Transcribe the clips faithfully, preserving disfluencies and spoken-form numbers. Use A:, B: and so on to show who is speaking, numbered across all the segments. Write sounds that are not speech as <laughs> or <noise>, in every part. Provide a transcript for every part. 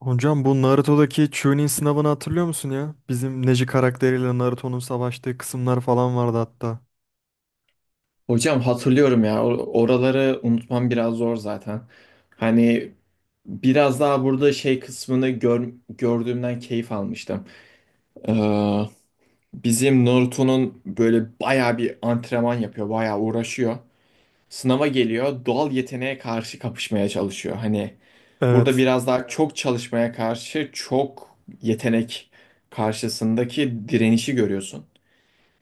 A: Hocam bu Naruto'daki Chunin sınavını hatırlıyor musun ya? Bizim Neji karakteriyle Naruto'nun savaştığı kısımlar falan vardı hatta.
B: Hocam hatırlıyorum ya or- oraları unutmam biraz zor zaten. Hani biraz daha burada şey kısmını gör- gördüğümden keyif almıştım. Ee, bizim Naruto'nun böyle bayağı bir antrenman yapıyor, bayağı uğraşıyor. Sınava geliyor, doğal yeteneğe karşı kapışmaya çalışıyor. Hani burada
A: Evet.
B: biraz daha çok çalışmaya karşı çok yetenek karşısındaki direnişi görüyorsun.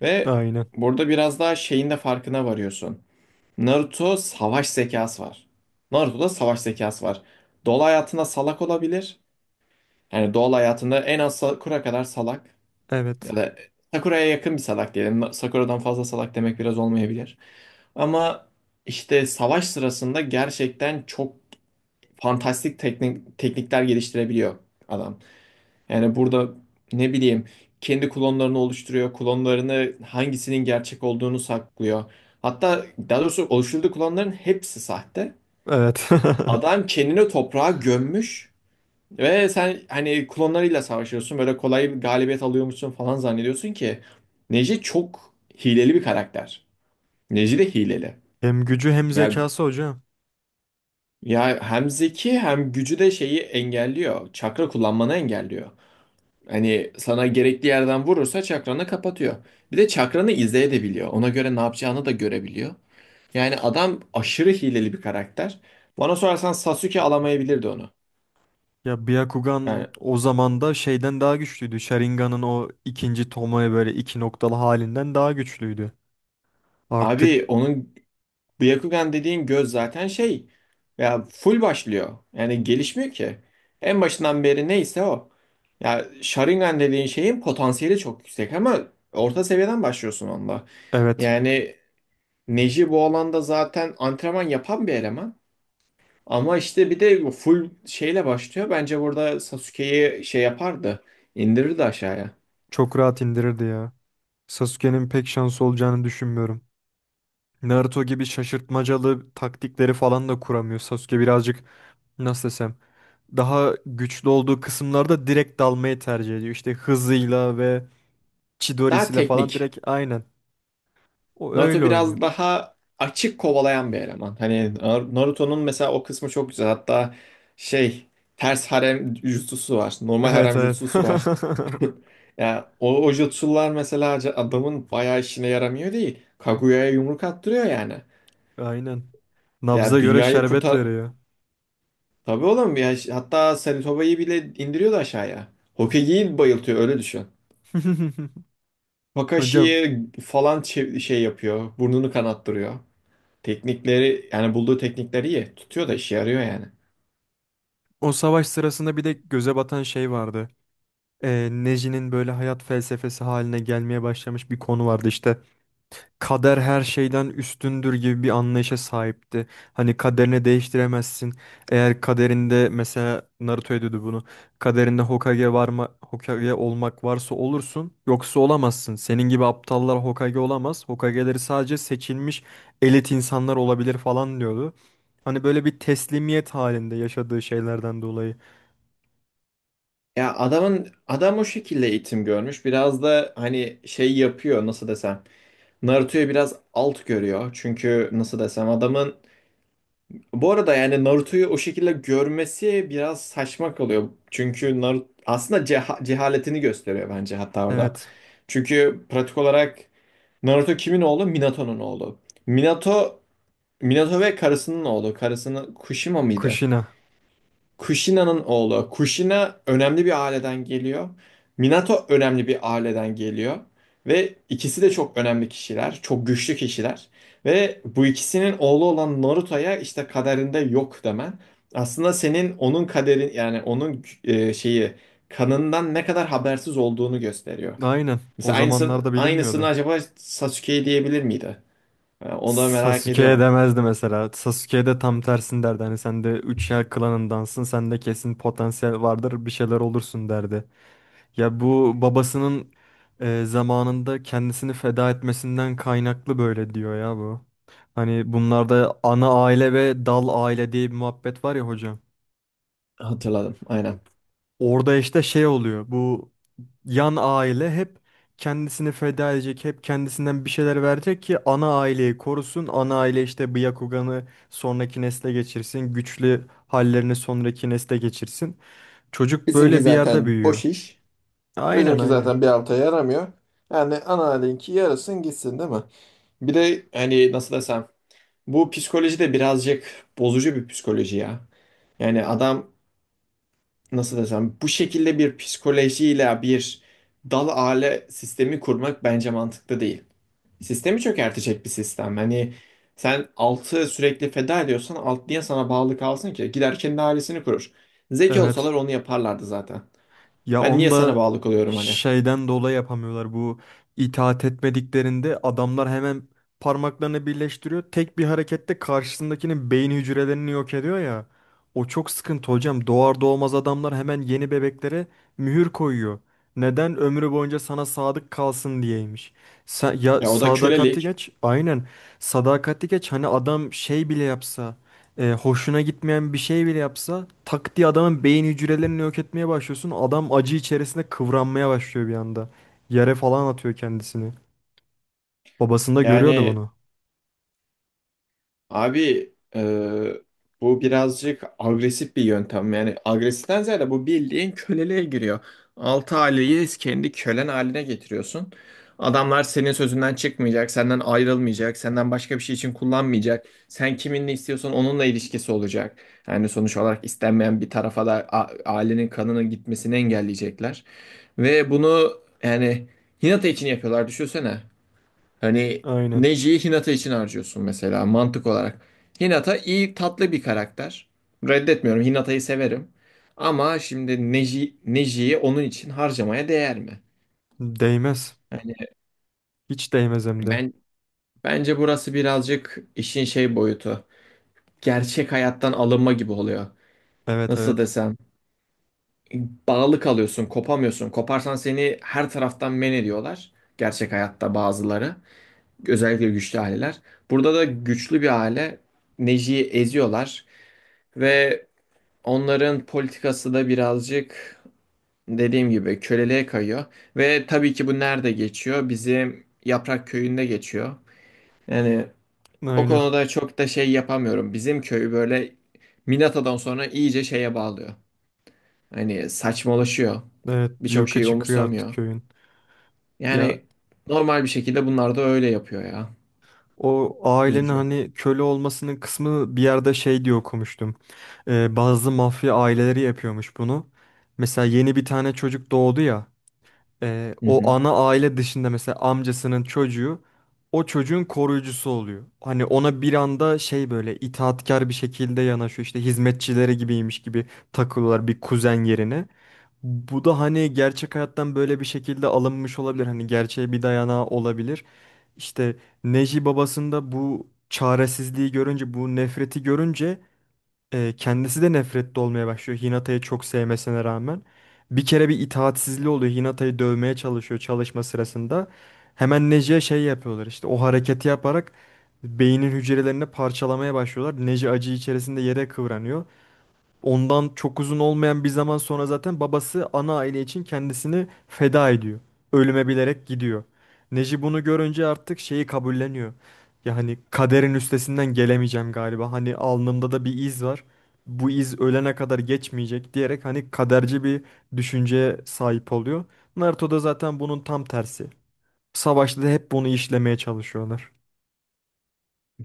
B: Ve
A: Aynen.
B: burada biraz daha şeyin de farkına varıyorsun. Naruto savaş zekası var. Naruto'da savaş zekası var. Doğal hayatında salak olabilir. Yani doğal hayatında en az Sakura kadar salak.
A: Evet.
B: Ya da Sakura'ya yakın bir salak diyelim. Sakura'dan fazla salak demek biraz olmayabilir. Ama işte savaş sırasında gerçekten çok fantastik teknik, teknikler geliştirebiliyor adam. Yani burada ne bileyim kendi klonlarını oluşturuyor. Klonlarını hangisinin gerçek olduğunu saklıyor. Hatta daha doğrusu oluşturduğu klonların hepsi sahte.
A: Evet.
B: Adam kendini toprağa gömmüş ve sen hani klonlarıyla savaşıyorsun. Böyle kolay bir galibiyet alıyormuşsun falan zannediyorsun ki Neji çok hileli bir karakter. Neji de hileli.
A: <laughs> Hem gücü hem
B: Ya
A: zekası hocam.
B: ya hem zeki hem gücü de şeyi engelliyor. Çakra kullanmanı engelliyor. Hani sana gerekli yerden vurursa çakranı kapatıyor. Bir de çakranı izleyebiliyor. Ona göre ne yapacağını da görebiliyor. Yani adam aşırı hileli bir karakter. Bana sorarsan Sasuke alamayabilirdi onu.
A: Ya
B: Yani
A: Byakugan o zaman da şeyden daha güçlüydü. Sharingan'ın o ikinci tomoya böyle iki noktalı halinden daha güçlüydü. Artık
B: abi onun Byakugan dediğin göz zaten şey ya full başlıyor. Yani gelişmiyor ki. En başından beri neyse o. Ya Sharingan dediğin şeyin potansiyeli çok yüksek ama orta seviyeden başlıyorsun onda.
A: evet,
B: Yani Neji bu alanda zaten antrenman yapan bir eleman. Ama işte bir de full şeyle başlıyor. Bence burada Sasuke'yi şey yapardı. İndirirdi aşağıya.
A: çok rahat indirirdi ya. Sasuke'nin pek şansı olacağını düşünmüyorum. Naruto gibi şaşırtmacalı taktikleri falan da kuramıyor. Sasuke birazcık, nasıl desem, daha güçlü olduğu kısımlarda direkt dalmayı tercih ediyor. İşte hızıyla ve
B: Daha
A: Chidori'siyle falan
B: teknik.
A: direkt aynen. O öyle
B: Naruto
A: oynuyor.
B: biraz daha açık kovalayan bir eleman. Hani Nar- Naruto'nun mesela o kısmı çok güzel. Hatta şey ters harem jutsusu var. Normal
A: Evet,
B: harem
A: evet.
B: jutsusu var.
A: <laughs>
B: <laughs> Yani o, o jutsular mesela ca- adamın bayağı işine yaramıyor değil. Kaguya'ya yumruk attırıyor yani.
A: Aynen. Nabza
B: Ya
A: göre
B: dünyayı
A: şerbet
B: kurtar...
A: veriyor.
B: Tabii oğlum ya ş- hatta Sarutoba'yı bile indiriyordu aşağıya. Hokage'yi bayıltıyor öyle düşün.
A: <laughs> Hocam,
B: Kakashi'yi falan çev- şey yapıyor. Burnunu kanattırıyor. Teknikleri yani bulduğu teknikleri iyi. Tutuyor da işe yarıyor yani.
A: o savaş sırasında bir de göze batan şey vardı. e, Neji'nin böyle hayat felsefesi haline gelmeye başlamış bir konu vardı işte. Kader her şeyden üstündür gibi bir anlayışa sahipti. Hani kaderini değiştiremezsin. Eğer kaderinde, mesela, Naruto ediyordu bunu. Kaderinde Hokage varma Hokage olmak varsa olursun, yoksa olamazsın. Senin gibi aptallar Hokage olamaz. Hokage'leri sadece seçilmiş elit insanlar olabilir falan diyordu. Hani böyle bir teslimiyet halinde yaşadığı şeylerden dolayı.
B: Ya adamın adam o şekilde eğitim görmüş. Biraz da hani şey yapıyor nasıl desem. Naruto'yu biraz alt görüyor. Çünkü nasıl desem adamın bu arada yani Naruto'yu o şekilde görmesi biraz saçma kalıyor. Çünkü Naruto aslında ceha- cehaletini gösteriyor bence hatta orada.
A: Evet,
B: Çünkü pratik olarak Naruto kimin oğlu? Minato'nun oğlu. Minato Minato ve karısının oğlu. Karısının Kushima mıydı?
A: Kushina.
B: Kushina'nın oğlu. Kushina önemli bir aileden geliyor. Minato önemli bir aileden geliyor. Ve ikisi de çok önemli kişiler, çok güçlü kişiler. Ve bu ikisinin oğlu olan Naruto'ya işte kaderinde yok demen. Aslında senin onun kaderin yani onun e, şeyi kanından ne kadar habersiz olduğunu gösteriyor.
A: Aynen. O
B: Mesela aynısını,
A: zamanlarda
B: aynısını
A: bilinmiyordu.
B: acaba Sasuke'ye diyebilir miydi? E, Onu da merak
A: Sasuke'ye
B: ediyorum.
A: demezdi mesela. Sasuke'ye de tam tersini derdi. Hani sen de üç yer klanındansın. Sen de kesin potansiyel vardır. Bir şeyler olursun derdi. Ya, bu babasının e, zamanında kendisini feda etmesinden kaynaklı böyle diyor ya bu. Hani bunlarda ana aile ve dal aile diye bir muhabbet var ya hocam.
B: Hatırladım aynen.
A: Orada işte şey oluyor. Bu yan aile hep kendisini feda edecek, hep kendisinden bir şeyler verecek ki ana aileyi korusun. Ana aile işte bu Yakugan'ı sonraki nesle geçirsin, güçlü hallerini sonraki nesle geçirsin. Çocuk
B: Bizimki
A: böyle bir yerde
B: zaten
A: büyüyor.
B: boş iş.
A: Aynen
B: Bizimki
A: aynen.
B: zaten bir alta yaramıyor. Yani ana linki yarasın gitsin değil mi? Bir de hani nasıl desem bu psikoloji de birazcık bozucu bir psikoloji ya. Yani adam nasıl desem bu şekilde bir psikolojiyle bir dal aile sistemi kurmak bence mantıklı değil. Sistemi çökertecek bir sistem. Hani sen altı sürekli feda ediyorsan alt niye sana bağlı kalsın ki? Gider kendi ailesini kurur. Zeki
A: Evet.
B: olsalar onu yaparlardı zaten.
A: Ya,
B: Ben
A: onu
B: niye sana
A: da
B: bağlı kalıyorum hani?
A: şeyden dolayı yapamıyorlar. Bu itaat etmediklerinde adamlar hemen parmaklarını birleştiriyor. Tek bir harekette karşısındakinin beyin hücrelerini yok ediyor ya. O çok sıkıntı hocam. Doğar doğmaz adamlar hemen yeni bebeklere mühür koyuyor. Neden? Ömrü boyunca sana sadık kalsın diyeymiş. Sa- ya,
B: Ya o da
A: sadakati
B: kölelik.
A: geç. Aynen. Sadakati geç. Hani adam şey bile yapsa, e, hoşuna gitmeyen bir şey bile yapsa, tak diye adamın beyin hücrelerini yok etmeye başlıyorsun. Adam acı içerisinde kıvranmaya başlıyor bir anda. Yere falan atıyor kendisini. Babasında görüyordu
B: Yani
A: bunu.
B: abi e, bu birazcık agresif bir yöntem. Yani agresiften ziyade bu bildiğin köleliğe giriyor. Altı aileyi kendi kölen haline getiriyorsun. Adamlar senin sözünden çıkmayacak, senden ayrılmayacak, senden başka bir şey için kullanmayacak. Sen kiminle istiyorsan onunla ilişkisi olacak. Yani sonuç olarak istenmeyen bir tarafa da a- ailenin kanının gitmesini engelleyecekler. Ve bunu yani Hinata için yapıyorlar düşünsene. Hani
A: Aynen.
B: Neji'yi Hinata için harcıyorsun mesela mantık olarak. Hinata iyi tatlı bir karakter. Reddetmiyorum. Hinata'yı severim. Ama şimdi Neji, Neji'yi onun için harcamaya değer mi?
A: Değmez.
B: Yani
A: Hiç değmez hem de.
B: ben bence burası birazcık işin şey boyutu. Gerçek hayattan alınma gibi oluyor.
A: Evet,
B: Nasıl
A: evet.
B: desem? Bağlı kalıyorsun, kopamıyorsun. Koparsan seni her taraftan men ediyorlar. Gerçek hayatta bazıları. Özellikle güçlü aileler. Burada da güçlü bir aile Neji'yi eziyorlar. Ve onların politikası da birazcık dediğim gibi köleliğe kayıyor. Ve tabii ki bu nerede geçiyor? Bizim Yaprak Köyü'nde geçiyor. Yani o
A: Aynen.
B: konuda çok da şey yapamıyorum. Bizim köy böyle Minata'dan sonra iyice şeye bağlıyor. Hani saçmalaşıyor.
A: Evet,
B: Birçok
A: cıvka
B: şeyi
A: çıkıyor artık
B: umursamıyor.
A: köyün. Ya,
B: Yani normal bir şekilde bunlar da öyle yapıyor ya.
A: o ailenin
B: Üzücü.
A: hani köle olmasının kısmı bir yerde şey diye okumuştum. E, bazı mafya aileleri yapıyormuş bunu. Mesela yeni bir tane çocuk doğdu ya. E,
B: Hı
A: o
B: hı.
A: ana aile dışında, mesela, amcasının çocuğu o çocuğun koruyucusu oluyor. Hani ona bir anda şey, böyle itaatkar bir şekilde yanaşıyor, işte hizmetçileri gibiymiş gibi takılıyorlar bir kuzen yerine. Bu da hani gerçek hayattan böyle bir şekilde alınmış olabilir. Hani gerçeğe bir dayanağı olabilir. İşte Neji babasında bu çaresizliği görünce, bu nefreti görünce, e, kendisi de nefretli olmaya başlıyor Hinata'yı çok sevmesine rağmen. Bir kere bir itaatsizliği oluyor. Hinata'yı dövmeye çalışıyor çalışma sırasında. Hemen Neji'ye şey yapıyorlar, işte o hareketi yaparak beynin hücrelerini parçalamaya başlıyorlar. Neji acı içerisinde yere kıvranıyor. Ondan çok uzun olmayan bir zaman sonra zaten babası ana aile için kendisini feda ediyor. Ölüme bilerek gidiyor. Neji bunu görünce artık şeyi kabulleniyor. Yani kaderin üstesinden gelemeyeceğim galiba. Hani alnımda da bir iz var. Bu iz ölene kadar geçmeyecek diyerek hani kaderci bir düşünceye sahip oluyor. Naruto da zaten bunun tam tersi. Savaşta da hep bunu işlemeye çalışıyorlar.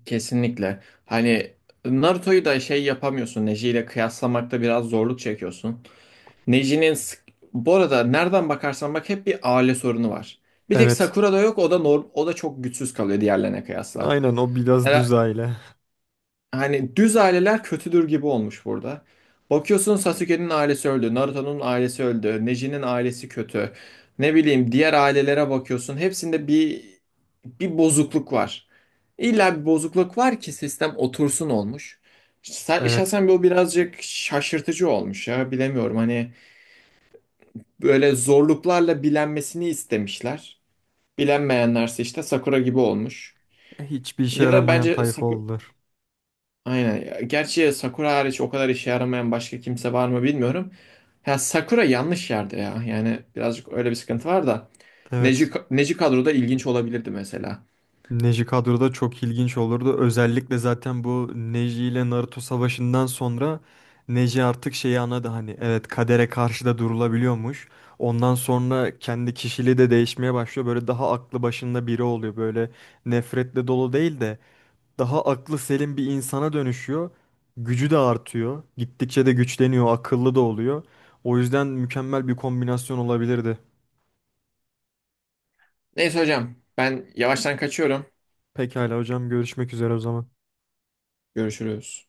B: Kesinlikle. Hani Naruto'yu da şey yapamıyorsun. Neji ile kıyaslamakta biraz zorluk çekiyorsun. Neji'nin sık- bu arada nereden bakarsan bak hep bir aile sorunu var. Bir tek
A: Evet.
B: Sakura'da yok o da norm o da çok güçsüz kalıyor diğerlerine kıyasla.
A: Aynen, o biraz
B: Yani,
A: düz aile. <laughs>
B: hani düz aileler kötüdür gibi olmuş burada. Bakıyorsun Sasuke'nin ailesi öldü, Naruto'nun ailesi öldü, Neji'nin ailesi kötü. Ne bileyim diğer ailelere bakıyorsun hepsinde bir bir bozukluk var. İlla bir bozukluk var ki sistem otursun olmuş. Sa-
A: Evet.
B: Şahsen bu birazcık şaşırtıcı olmuş ya bilemiyorum hani böyle zorluklarla bilenmesini istemişler. Bilenmeyenlerse işte Sakura gibi olmuş.
A: Hiçbir işe
B: Ya da
A: yaramayan
B: bence
A: tayfa
B: Sakura...
A: oldular.
B: Aynen. Gerçi Sakura hariç o kadar işe yaramayan başka kimse var mı bilmiyorum. Ya Sakura yanlış yerde ya. Yani birazcık öyle bir sıkıntı var da. Neji,
A: Evet.
B: Neji kadroda ilginç olabilirdi mesela.
A: Neji kadroda çok ilginç olurdu. Özellikle zaten bu Neji ile Naruto savaşından sonra Neji artık şeyi anladı, hani evet, kadere karşı da durulabiliyormuş. Ondan sonra kendi kişiliği de değişmeye başlıyor. Böyle daha aklı başında biri oluyor. Böyle nefretle dolu değil de daha aklı selim bir insana dönüşüyor. Gücü de artıyor. Gittikçe de güçleniyor, akıllı da oluyor. O yüzden mükemmel bir kombinasyon olabilirdi.
B: Neyse hocam ben yavaştan kaçıyorum.
A: Pekala hocam, görüşmek üzere o zaman.
B: Görüşürüz.